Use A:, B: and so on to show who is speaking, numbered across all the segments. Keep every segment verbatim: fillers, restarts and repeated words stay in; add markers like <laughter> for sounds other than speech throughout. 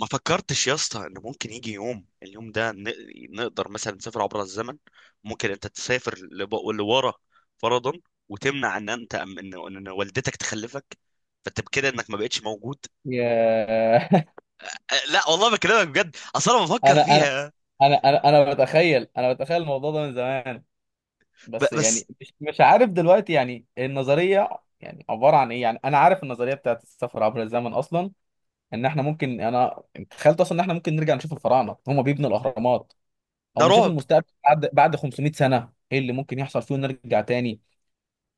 A: ما فكرتش يا اسطى ان ممكن يجي يوم اليوم ده ن- نقدر مثلا نسافر عبر الزمن. ممكن انت تسافر لب- لورا فرضا وتمنع ان انت ان ان والدتك تخلفك، فانت بكده انك ما بقتش موجود.
B: يا <laughs>
A: أه، لا والله بكلمك بجد، اصل انا بفكر
B: انا انا
A: فيها.
B: انا انا انا بتخيل انا بتخيل الموضوع ده من زمان.
A: ب-
B: بس يعني
A: بس
B: مش مش عارف دلوقتي، يعني النظريه يعني عباره عن ايه؟ يعني انا عارف النظريه بتاعت السفر عبر الزمن اصلا، ان احنا ممكن انا تخيلت اصلا ان احنا ممكن نرجع نشوف الفراعنه هم بيبنوا الاهرامات،
A: ده
B: او نشوف
A: رعب.
B: المستقبل بعد بعد خمسمائة سنه ايه اللي ممكن يحصل فيه، ونرجع تاني.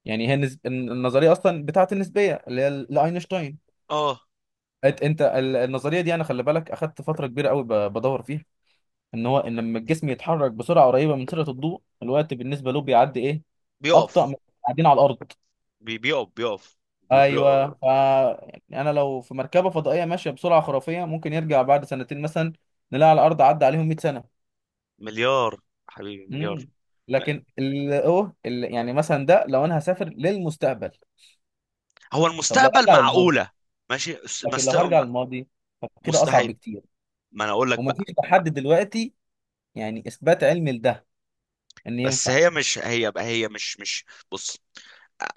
B: يعني هي النسب... النظريه اصلا بتاعت النسبيه اللي هي لاينشتاين.
A: اه،
B: أت- انت ال- النظريه دي انا خلي بالك اخدت فتره كبيره قوي ب- بدور فيها، ان هو ان لما الجسم يتحرك بسرعه قريبه من سرعه الضوء الوقت بالنسبه له بيعدي ايه، ابطا
A: بيقف.
B: من قاعدين على الارض.
A: بي- بيقف بيقف بي-
B: ايوه،
A: بيقف.
B: ف يعني انا لو في مركبه فضائيه ماشيه بسرعه خرافيه ممكن يرجع بعد سنتين مثلا، نلاقي على الارض عدى عليهم مئة سنه.
A: مليار. حبيبي مليار.
B: امم
A: ما-
B: لكن ال اوه ال... يعني مثلا ده لو انا هسافر للمستقبل،
A: هو
B: طب لو
A: المستقبل
B: ارجع للماضي.
A: معقولة؟ ماشي بس
B: لكن لو
A: مست-
B: هرجع للماضي فكده اصعب
A: مستحيل.
B: بكتير.
A: ما انا اقول لك
B: ومفيش
A: بقى.
B: لحد دلوقتي يعني اثبات علمي لده ان
A: بس
B: ينفع.
A: هي مش هي، هي مش مش. بص،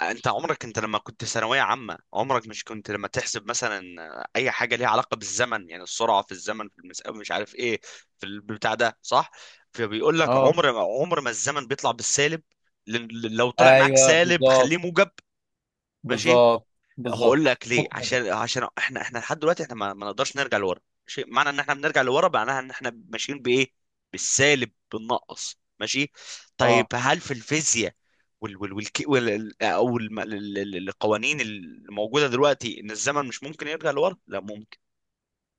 A: انت عمرك، انت لما كنت في ثانويه عامه، عمرك مش كنت لما تحسب مثلا اي حاجه ليها علاقه بالزمن، يعني السرعه في الزمن في المسافه مش عارف ايه في البتاع ده، صح؟ فبيقول لك
B: اه،
A: عمر ما، عمر ما الزمن بيطلع بالسالب. ل- ل- لو طلع معاك
B: ايوه
A: سالب
B: بالظبط.
A: خليه موجب. ماشي.
B: بالظبط.
A: هقول
B: بالظبط،
A: لك ليه،
B: حط
A: عشان
B: بقى.
A: عشان احنا احنا لحد دلوقتي احنا ما, ما نقدرش نرجع لورا. ماشي؟ معنى ان احنا بنرجع لورا معناها ان احنا ماشيين بايه؟ بالسالب، بالنقص. ماشي؟ طيب
B: اه،
A: هل في الفيزياء وال وال والك وال ال- او الم- ال- ال- ال- القوانين اللي موجوده دلوقتي ان الزمن مش ممكن يرجع لورا، لا ممكن؟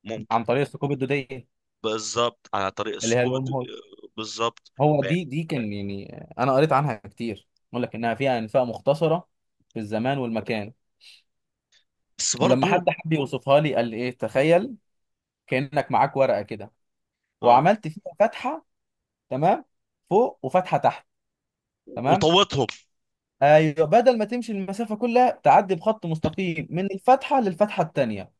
A: ممكن.
B: عن طريق الثقوب الدوديه،
A: بالظبط، على طريق
B: اللي هي
A: السقوط.
B: الورم هول.
A: بالظبط.
B: هو دي دي كان يعني انا قريت عنها كتير، يقول لك انها فيها انفاق مختصره في الزمان والمكان.
A: بس
B: ولما
A: برضو
B: حد حب يوصفها لي قال لي ايه، تخيل كانك معاك ورقه كده
A: اه.
B: وعملت فيها فتحه، تمام، فوق وفتحه تحت، تمام.
A: وطوتهم.
B: ايوه، بدل ما تمشي المسافه كلها تعدي بخط مستقيم من الفتحه للفتحه التانيه.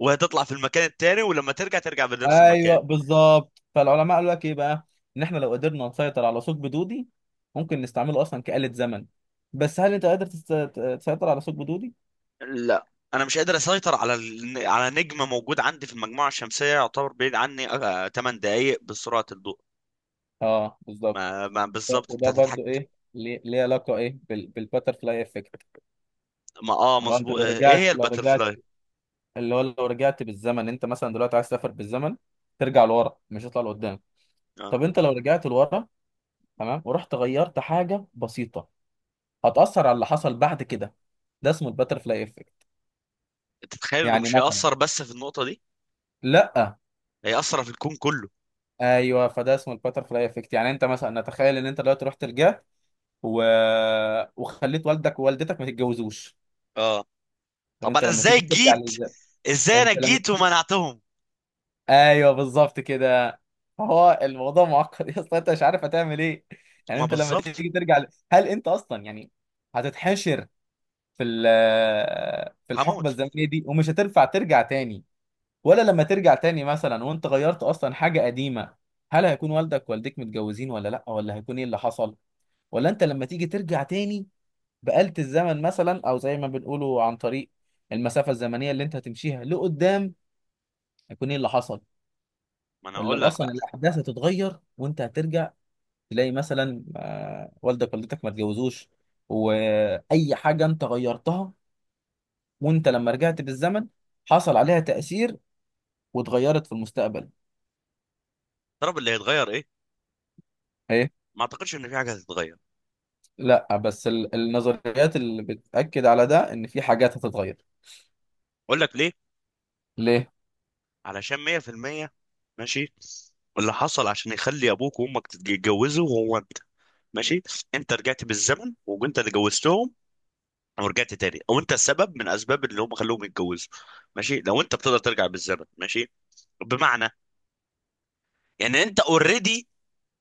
A: وهتطلع في المكان التاني، ولما ترجع ترجع بنفس المكان.
B: ايوه بالظبط. فالعلماء قالوا لك ايه بقى، ان احنا لو قدرنا نسيطر على ثقب دودي ممكن نستعمله اصلا كآلة زمن. بس هل انت قادر تست- تسيطر على ثقب دودي؟
A: لا، انا مش قادر اسيطر على ال... على نجم موجود عندي في المجموعه الشمسيه يعتبر بعيد عني آه، ثمان دقائق بسرعه الضوء.
B: اه بالظبط.
A: ما, ما
B: ده-
A: بالظبط، انت
B: وده برضو
A: هتتحك.
B: ايه ليه ليه علاقه ايه بالباترفلاي افكت؟
A: ما اه
B: لو انت
A: مظبوط.
B: لو
A: آه، ايه
B: رجعت
A: هي
B: لو رجعت
A: الباترفلاي؟
B: اللي هو لو رجعت بالزمن انت مثلا دلوقتي عايز تسافر بالزمن، ترجع لورا مش هتطلع لقدام.
A: اه.
B: طب انت لو رجعت لورا، تمام، ورحت غيرت حاجه بسيطه، هتأثر على اللي حصل بعد كده. ده اسمه الباترفلاي افكت.
A: انت تتخيل انه
B: يعني
A: مش
B: مثلا،
A: هيأثر بس في النقطه دي؟
B: لا،
A: هيأثر في الكون كله.
B: ايوه، فده اسمه الباتر فلاي افكت. يعني انت مثلا نتخيل ان انت دلوقتي رحت الجه و... وخليت والدك ووالدتك ما تتجوزوش.
A: اه.
B: طب
A: طب
B: انت
A: انا
B: لما
A: ازاي
B: تيجي ترجع
A: جيت؟
B: للزمن،
A: ازاي انا
B: انت لما،
A: جيت ومنعتهم؟
B: ايوه بالظبط كده. فهو الموضوع معقد <laughs> يا اسطى، انت مش عارف هتعمل ايه. يعني
A: ما
B: انت لما
A: بالظبط.
B: تيجي ترجع ل... هل انت اصلا يعني هتتحشر في ال... في الحقبه
A: هموت.
B: الزمنيه دي ومش هتنفع ترجع تاني؟ ولا لما ترجع تاني مثلا وانت غيرت اصلا حاجه قديمه، هل هيكون والدك والدتك متجوزين ولا لا؟ ولا هيكون ايه اللي حصل؟ ولا انت لما تيجي ترجع تاني بآلة الزمن مثلا، او زي ما بنقوله عن طريق المسافة الزمنية اللي انت هتمشيها لقدام، هيكون ايه اللي حصل؟
A: ما انا اقول
B: ولا
A: لك
B: اصلا
A: بقى.
B: الاحداث هتتغير وانت هترجع تلاقي مثلا آه، والدك والدتك ما اتجوزوش، واي حاجة انت غيرتها وانت لما رجعت بالزمن حصل عليها تأثير واتغيرت في المستقبل.
A: الطرف اللي هيتغير ايه؟
B: ايه،
A: ما اعتقدش ان في حاجه هتتغير.
B: لا، بس ال- النظريات اللي بتأكد على ده ان في حاجات هتتغير.
A: اقول لك ليه؟
B: ليه؟
A: علشان مية في المية. ماشي؟ اللي حصل عشان يخلي ابوك وامك تتجوزوا هو انت. ماشي؟ انت رجعت بالزمن وانت اللي جوزتهم ورجعت تاني، او انت السبب من اسباب اللي هم خلوهم يتجوزوا. ماشي؟ لو انت بتقدر ترجع بالزمن. ماشي؟ بمعنى يعني انت اوريدي.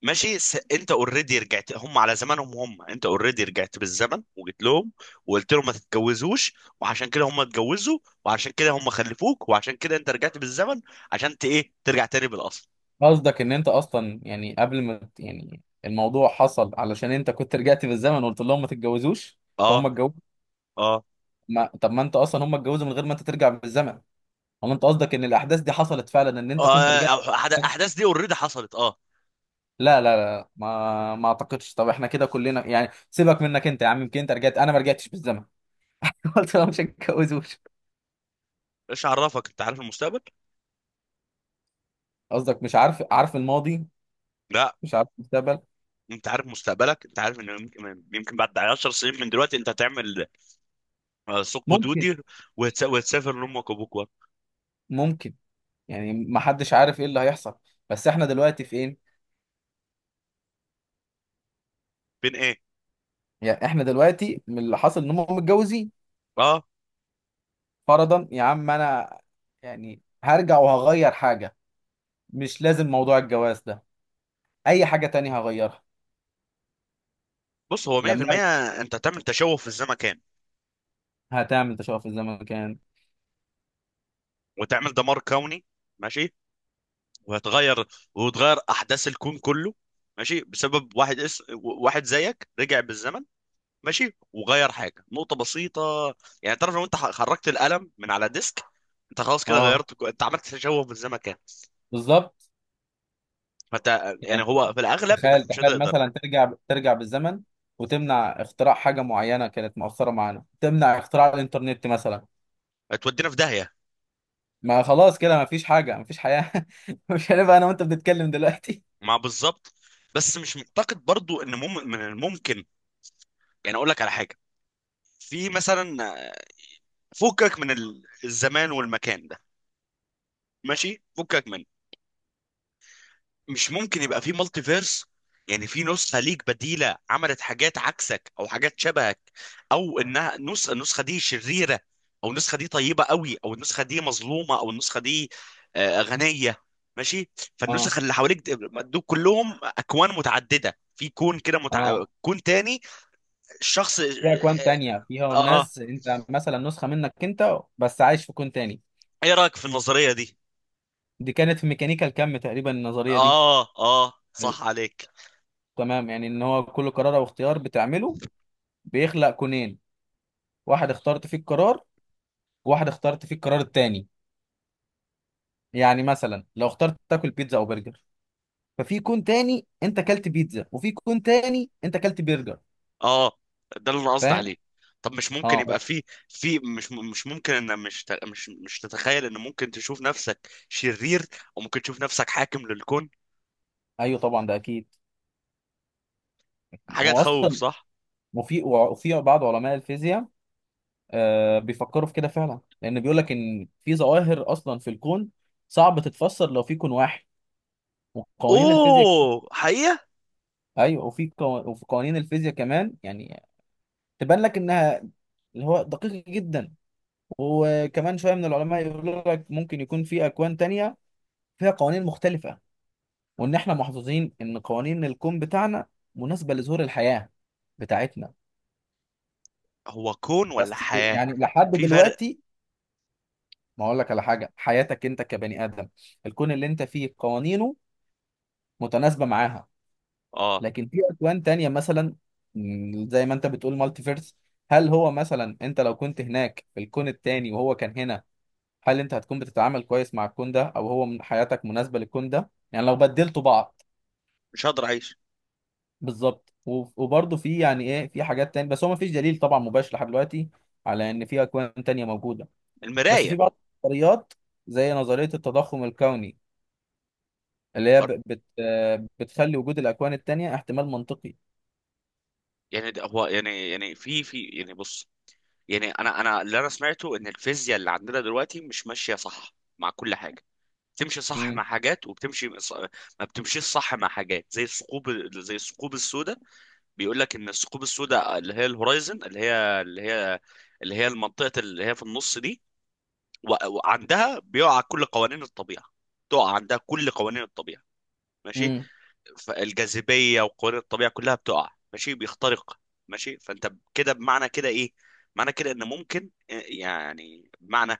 A: ماشي. س... انت اوريدي رجعت هم على زمانهم، هم انت اوريدي رجعت بالزمن وجيت لهم وقلت لهم ما تتجوزوش، وعشان كده هم اتجوزوا، وعشان كده هم خلفوك، وعشان كده انت رجعت بالزمن عشان ت... ايه ترجع تاني بالاصل.
B: قصدك ان انت اصلا يعني قبل ما ت- يعني الموضوع حصل علشان انت كنت رجعت بالزمن وقلت لهم ما تتجوزوش،
A: اه.
B: فهم اتجوزوا.
A: اه.
B: ما... طب ما انت اصلا هم اتجوزوا من غير ما انت ترجع بالزمن، ولا انت قصدك ان الاحداث دي حصلت فعلا ان انت كنت
A: آه،
B: رجعت؟
A: أح- الاحداث دي اوريدي حصلت، اه.
B: لا لا لا، ما ما اعتقدش. طب احنا كده كلنا يعني سيبك منك انت يا عم، يمكن انت رجعت انا ما رجعتش بالزمن. <laughs> قلت لهم مش هتجوزوش.
A: ايش عرفك انت عارف المستقبل؟
B: قصدك مش عارف، عارف الماضي،
A: لا.
B: مش عارف المستقبل.
A: انت عارف مستقبلك، انت عارف ان يمكن يمكن بعد عشر سنين من دلوقتي انت هتعمل آه، ثقب
B: ممكن.
A: دودي وهتس- وهتسافر لامك وابوك ورا.
B: ممكن. يعني ما حدش عارف ايه اللي هيحصل. بس احنا دلوقتي في ايه؟
A: بين ايه؟
B: يعني احنا دلوقتي من اللي حصل ان هم متجوزين.
A: اه.
B: فرضا يا عم انا يعني هرجع وهغير حاجه، مش لازم موضوع الجواز ده، اي حاجه تانية هغيرها
A: بص، هو
B: لما ارجع.
A: مية في المية انت هتعمل تشوه في الزمكان،
B: هتعمل تشوف في الزمن كان.
A: وتعمل دمار كوني. ماشي؟ وهتغير وتغير احداث الكون كله. ماشي؟ بسبب واحد اس... واحد زيك رجع بالزمن. ماشي؟ وغير حاجه نقطه بسيطه. يعني تعرف لو انت ح- خرجت القلم من على ديسك، انت خلاص كده
B: اه،
A: غيرت كو- انت عملت تشوه في الزمكان.
B: بالظبط.
A: فانت يعني
B: يعني
A: هو في الاغلب انك
B: تخيل،
A: مش
B: تخيل
A: هتقدر.
B: مثلا ترجع ترجع بالزمن وتمنع اختراع حاجه معينه كانت مؤثره معانا، تمنع اختراع الانترنت مثلا،
A: تودينا في داهيه.
B: ما خلاص كده ما فيش حاجه ما فيش حياه. <laughs> مش هنبقى انا وانت بنتكلم دلوقتي.
A: مع بالظبط. بس مش معتقد برضو ان مم... من الممكن. يعني اقول لك على حاجه. في مثلا فكك من ال- الزمان والمكان ده. ماشي؟ فكك منه. مش ممكن يبقى في مالتي فيرس؟ يعني في نسخة ليك بديلة عملت حاجات عكسك او حاجات شبهك، او انها نسخة، النسخة دي شريرة، او النسخة دي طيبة قوي، او النسخة دي مظلومة، او النسخة دي آه، غنية. ماشي؟
B: اه،
A: فالنسخ اللي حواليك د- دول كلهم اكوان متعددة في كون كده متع...
B: اه،
A: كون تاني. الشخص اه.
B: في أكوان تانية فيها
A: آه. آه.
B: ناس، أنت مثلا نسخة منك أنت بس عايش في كون تاني.
A: ايه رأيك في النظرية دي؟
B: دي كانت في ميكانيكا الكم تقريبا النظرية دي.
A: اه اه، صح عليك.
B: تمام، يعني إن هو كل قرار أو اختيار بتعمله بيخلق كونين، واحد اخترت فيه القرار، وواحد اخترت فيه القرار التاني. يعني مثلا لو اخترت تاكل بيتزا أو برجر، ففي كون تاني أنت أكلت بيتزا وفي كون تاني أنت أكلت برجر.
A: اه، ده اللي انا قصدي
B: فاهم؟
A: عليه. طب مش ممكن يبقى
B: أه،
A: في في مش مش ممكن ان مش ت- مش مش تتخيل ان ممكن تشوف نفسك شرير، او ممكن تشوف نفسك حاكم للكون؟
B: أيوه طبعا ده أكيد.
A: حاجة
B: هو
A: تخوف،
B: أصلا
A: صح؟
B: وفي وفي بعض علماء الفيزياء آه، بيفكروا في كده فعلا، لان بيقول لك ان في ظواهر اصلا في الكون صعب تتفسر لو في كون واحد وقوانين الفيزياء.
A: اوه حقيقة.
B: ايوه، وفي قو... وفي قوانين الفيزياء كمان يعني تبان لك انها، اللي هو دقيق جدا. وكمان شويه من العلماء يقولوا لك ممكن يكون في اكوان تانية فيها قوانين مختلفه، وان احنا محظوظين ان قوانين الكون بتاعنا مناسبه لظهور الحياه بتاعتنا.
A: هو كون ولا
B: بس
A: حياة؟
B: يعني لحد
A: في فرق.
B: دلوقتي، ما اقول لك على حاجه، حياتك انت كبني ادم الكون اللي انت فيه قوانينه متناسبة معاها.
A: اه،
B: لكن في أكوان تانية مثلا، مم، زي ما أنت بتقول مالتي فيرس، هل هو مثلا أنت لو كنت هناك في الكون التاني وهو كان هنا، هل أنت هتكون بتتعامل كويس مع الكون ده، أو هو من- حياتك مناسبة للكون ده يعني لو بدلتوا بعض؟
A: مش هقدر اعيش.
B: بالظبط. و- وبرضه في يعني إيه في حاجات تانية، بس هو مفيش دليل طبعا مباشر لحد دلوقتي على إن في أكوان تانية موجودة. بس في
A: المراية.
B: بعض النظريات زي نظرية التضخم الكوني اللي هي ب- بت آه، بتخلي وجود الأكوان التانية احتمال منطقي.
A: يعني ده هو يعني، يعني في في يعني بص، يعني انا انا اللي انا سمعته ان الفيزياء اللي عندنا دلوقتي مش ماشية صح مع كل حاجة، بتمشي صح مع
B: امم
A: حاجات وبتمشي ص- ما بتمشيش صح مع حاجات زي الثقوب، زي الثقوب السوداء. بيقول لك ان الثقوب السوداء اللي هي الهورايزن، اللي هي اللي هي اللي هي المنطقه اللي هي في النص دي، و- وعندها بيقع كل قوانين الطبيعه، تقع عندها كل قوانين الطبيعه. ماشي؟ فالجاذبيه وقوانين الطبيعه كلها بتقع. ماشي؟ بيخترق. ماشي؟ فانت كده بمعنى كده ايه؟ معنى كده ان ممكن آه، يعني بمعنى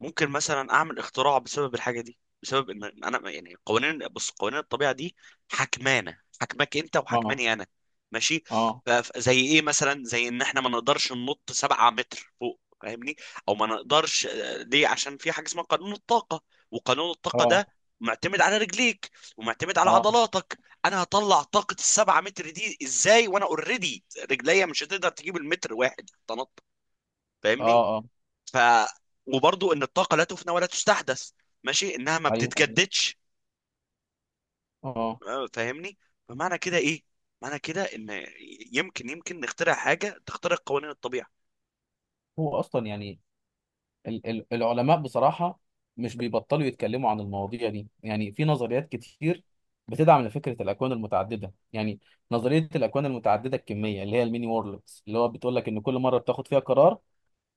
A: ممكن مثلا اعمل اختراع بسبب الحاجه دي، بسبب ان انا يعني قوانين، بص قوانين الطبيعه دي حكمانه، حكمك انت
B: امم
A: وحكماني انا. ماشي؟
B: اه،
A: ف- ف- زي ايه مثلا؟ زي ان احنا ما نقدرش ننط سبعة متر فوق، فاهمني؟ او ما نقدرش آه، ليه؟ عشان في حاجه اسمها قانون الطاقه، وقانون الطاقه
B: اه
A: ده معتمد على رجليك ومعتمد على
B: اه
A: عضلاتك. انا هطلع طاقه السبعة متر دي ازاي وانا اوريدي رجليا مش هتقدر تجيب المتر واحد تنط؟
B: اه
A: فاهمني؟
B: اه
A: ف وبرضو ان الطاقه لا تفنى ولا تستحدث. ماشي؟ انها ما
B: ايوه، ايوه،
A: بتتجددش.
B: اه.
A: آه، فاهمني؟ فمعنى كده ايه؟ معنى كده ان يمكن، يمكن نخترع حاجه تخترق قوانين الطبيعه.
B: هو اصلا يعني ال ال العلماء بصراحه مش بيبطلوا يتكلموا عن المواضيع دي، يعني في نظريات كتير بتدعم فكره الاكوان المتعدده. يعني نظريه الاكوان المتعدده الكميه اللي هي الميني وورلدز اللي هو بتقول لك ان كل مره بتاخد فيها قرار،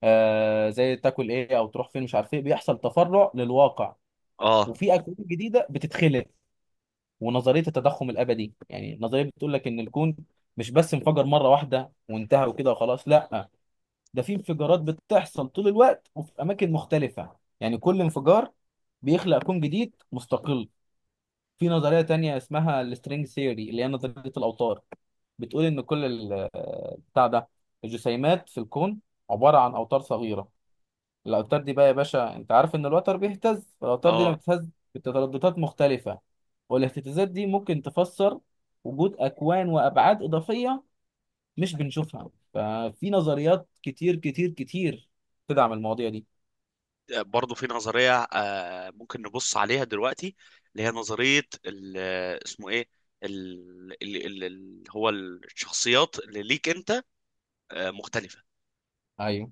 B: آه زي تاكل ايه او تروح فين مش عارف ايه، بيحصل تفرع للواقع
A: اه.
B: وفي اكوان جديده بتتخلق. ونظريه التضخم الابدي يعني النظريه بتقول لك ان الكون مش بس انفجر مره واحده وانتهى وكده وخلاص، لا، ده في انفجارات بتحصل طول الوقت وفي اماكن مختلفه، يعني كل انفجار بيخلق كون جديد مستقل. في نظريه تانية اسمها السترينج ثيوري اللي هي نظريه الاوتار، بتقول ان كل ال- بتاع ده الجسيمات في الكون عباره عن اوتار صغيره. الأوتار دي بقى يا باشا أنت عارف إن الوتر بيهتز، فالأوتار دي لما
A: اه.
B: بتهتز بترددات مختلفة، والاهتزازات دي ممكن تفسر وجود أكوان وأبعاد إضافية مش بنشوفها. ففي نظريات كتير كتير كتير تدعم المواضيع دي.
A: برضو في نظريه، آه ممكن نبص عليها دلوقتي، اللي هي نظريه ال- اسمه ايه، ال- ال- ال- ال- هو الشخصيات اللي ليك انت آه مختلفه.
B: أيوه.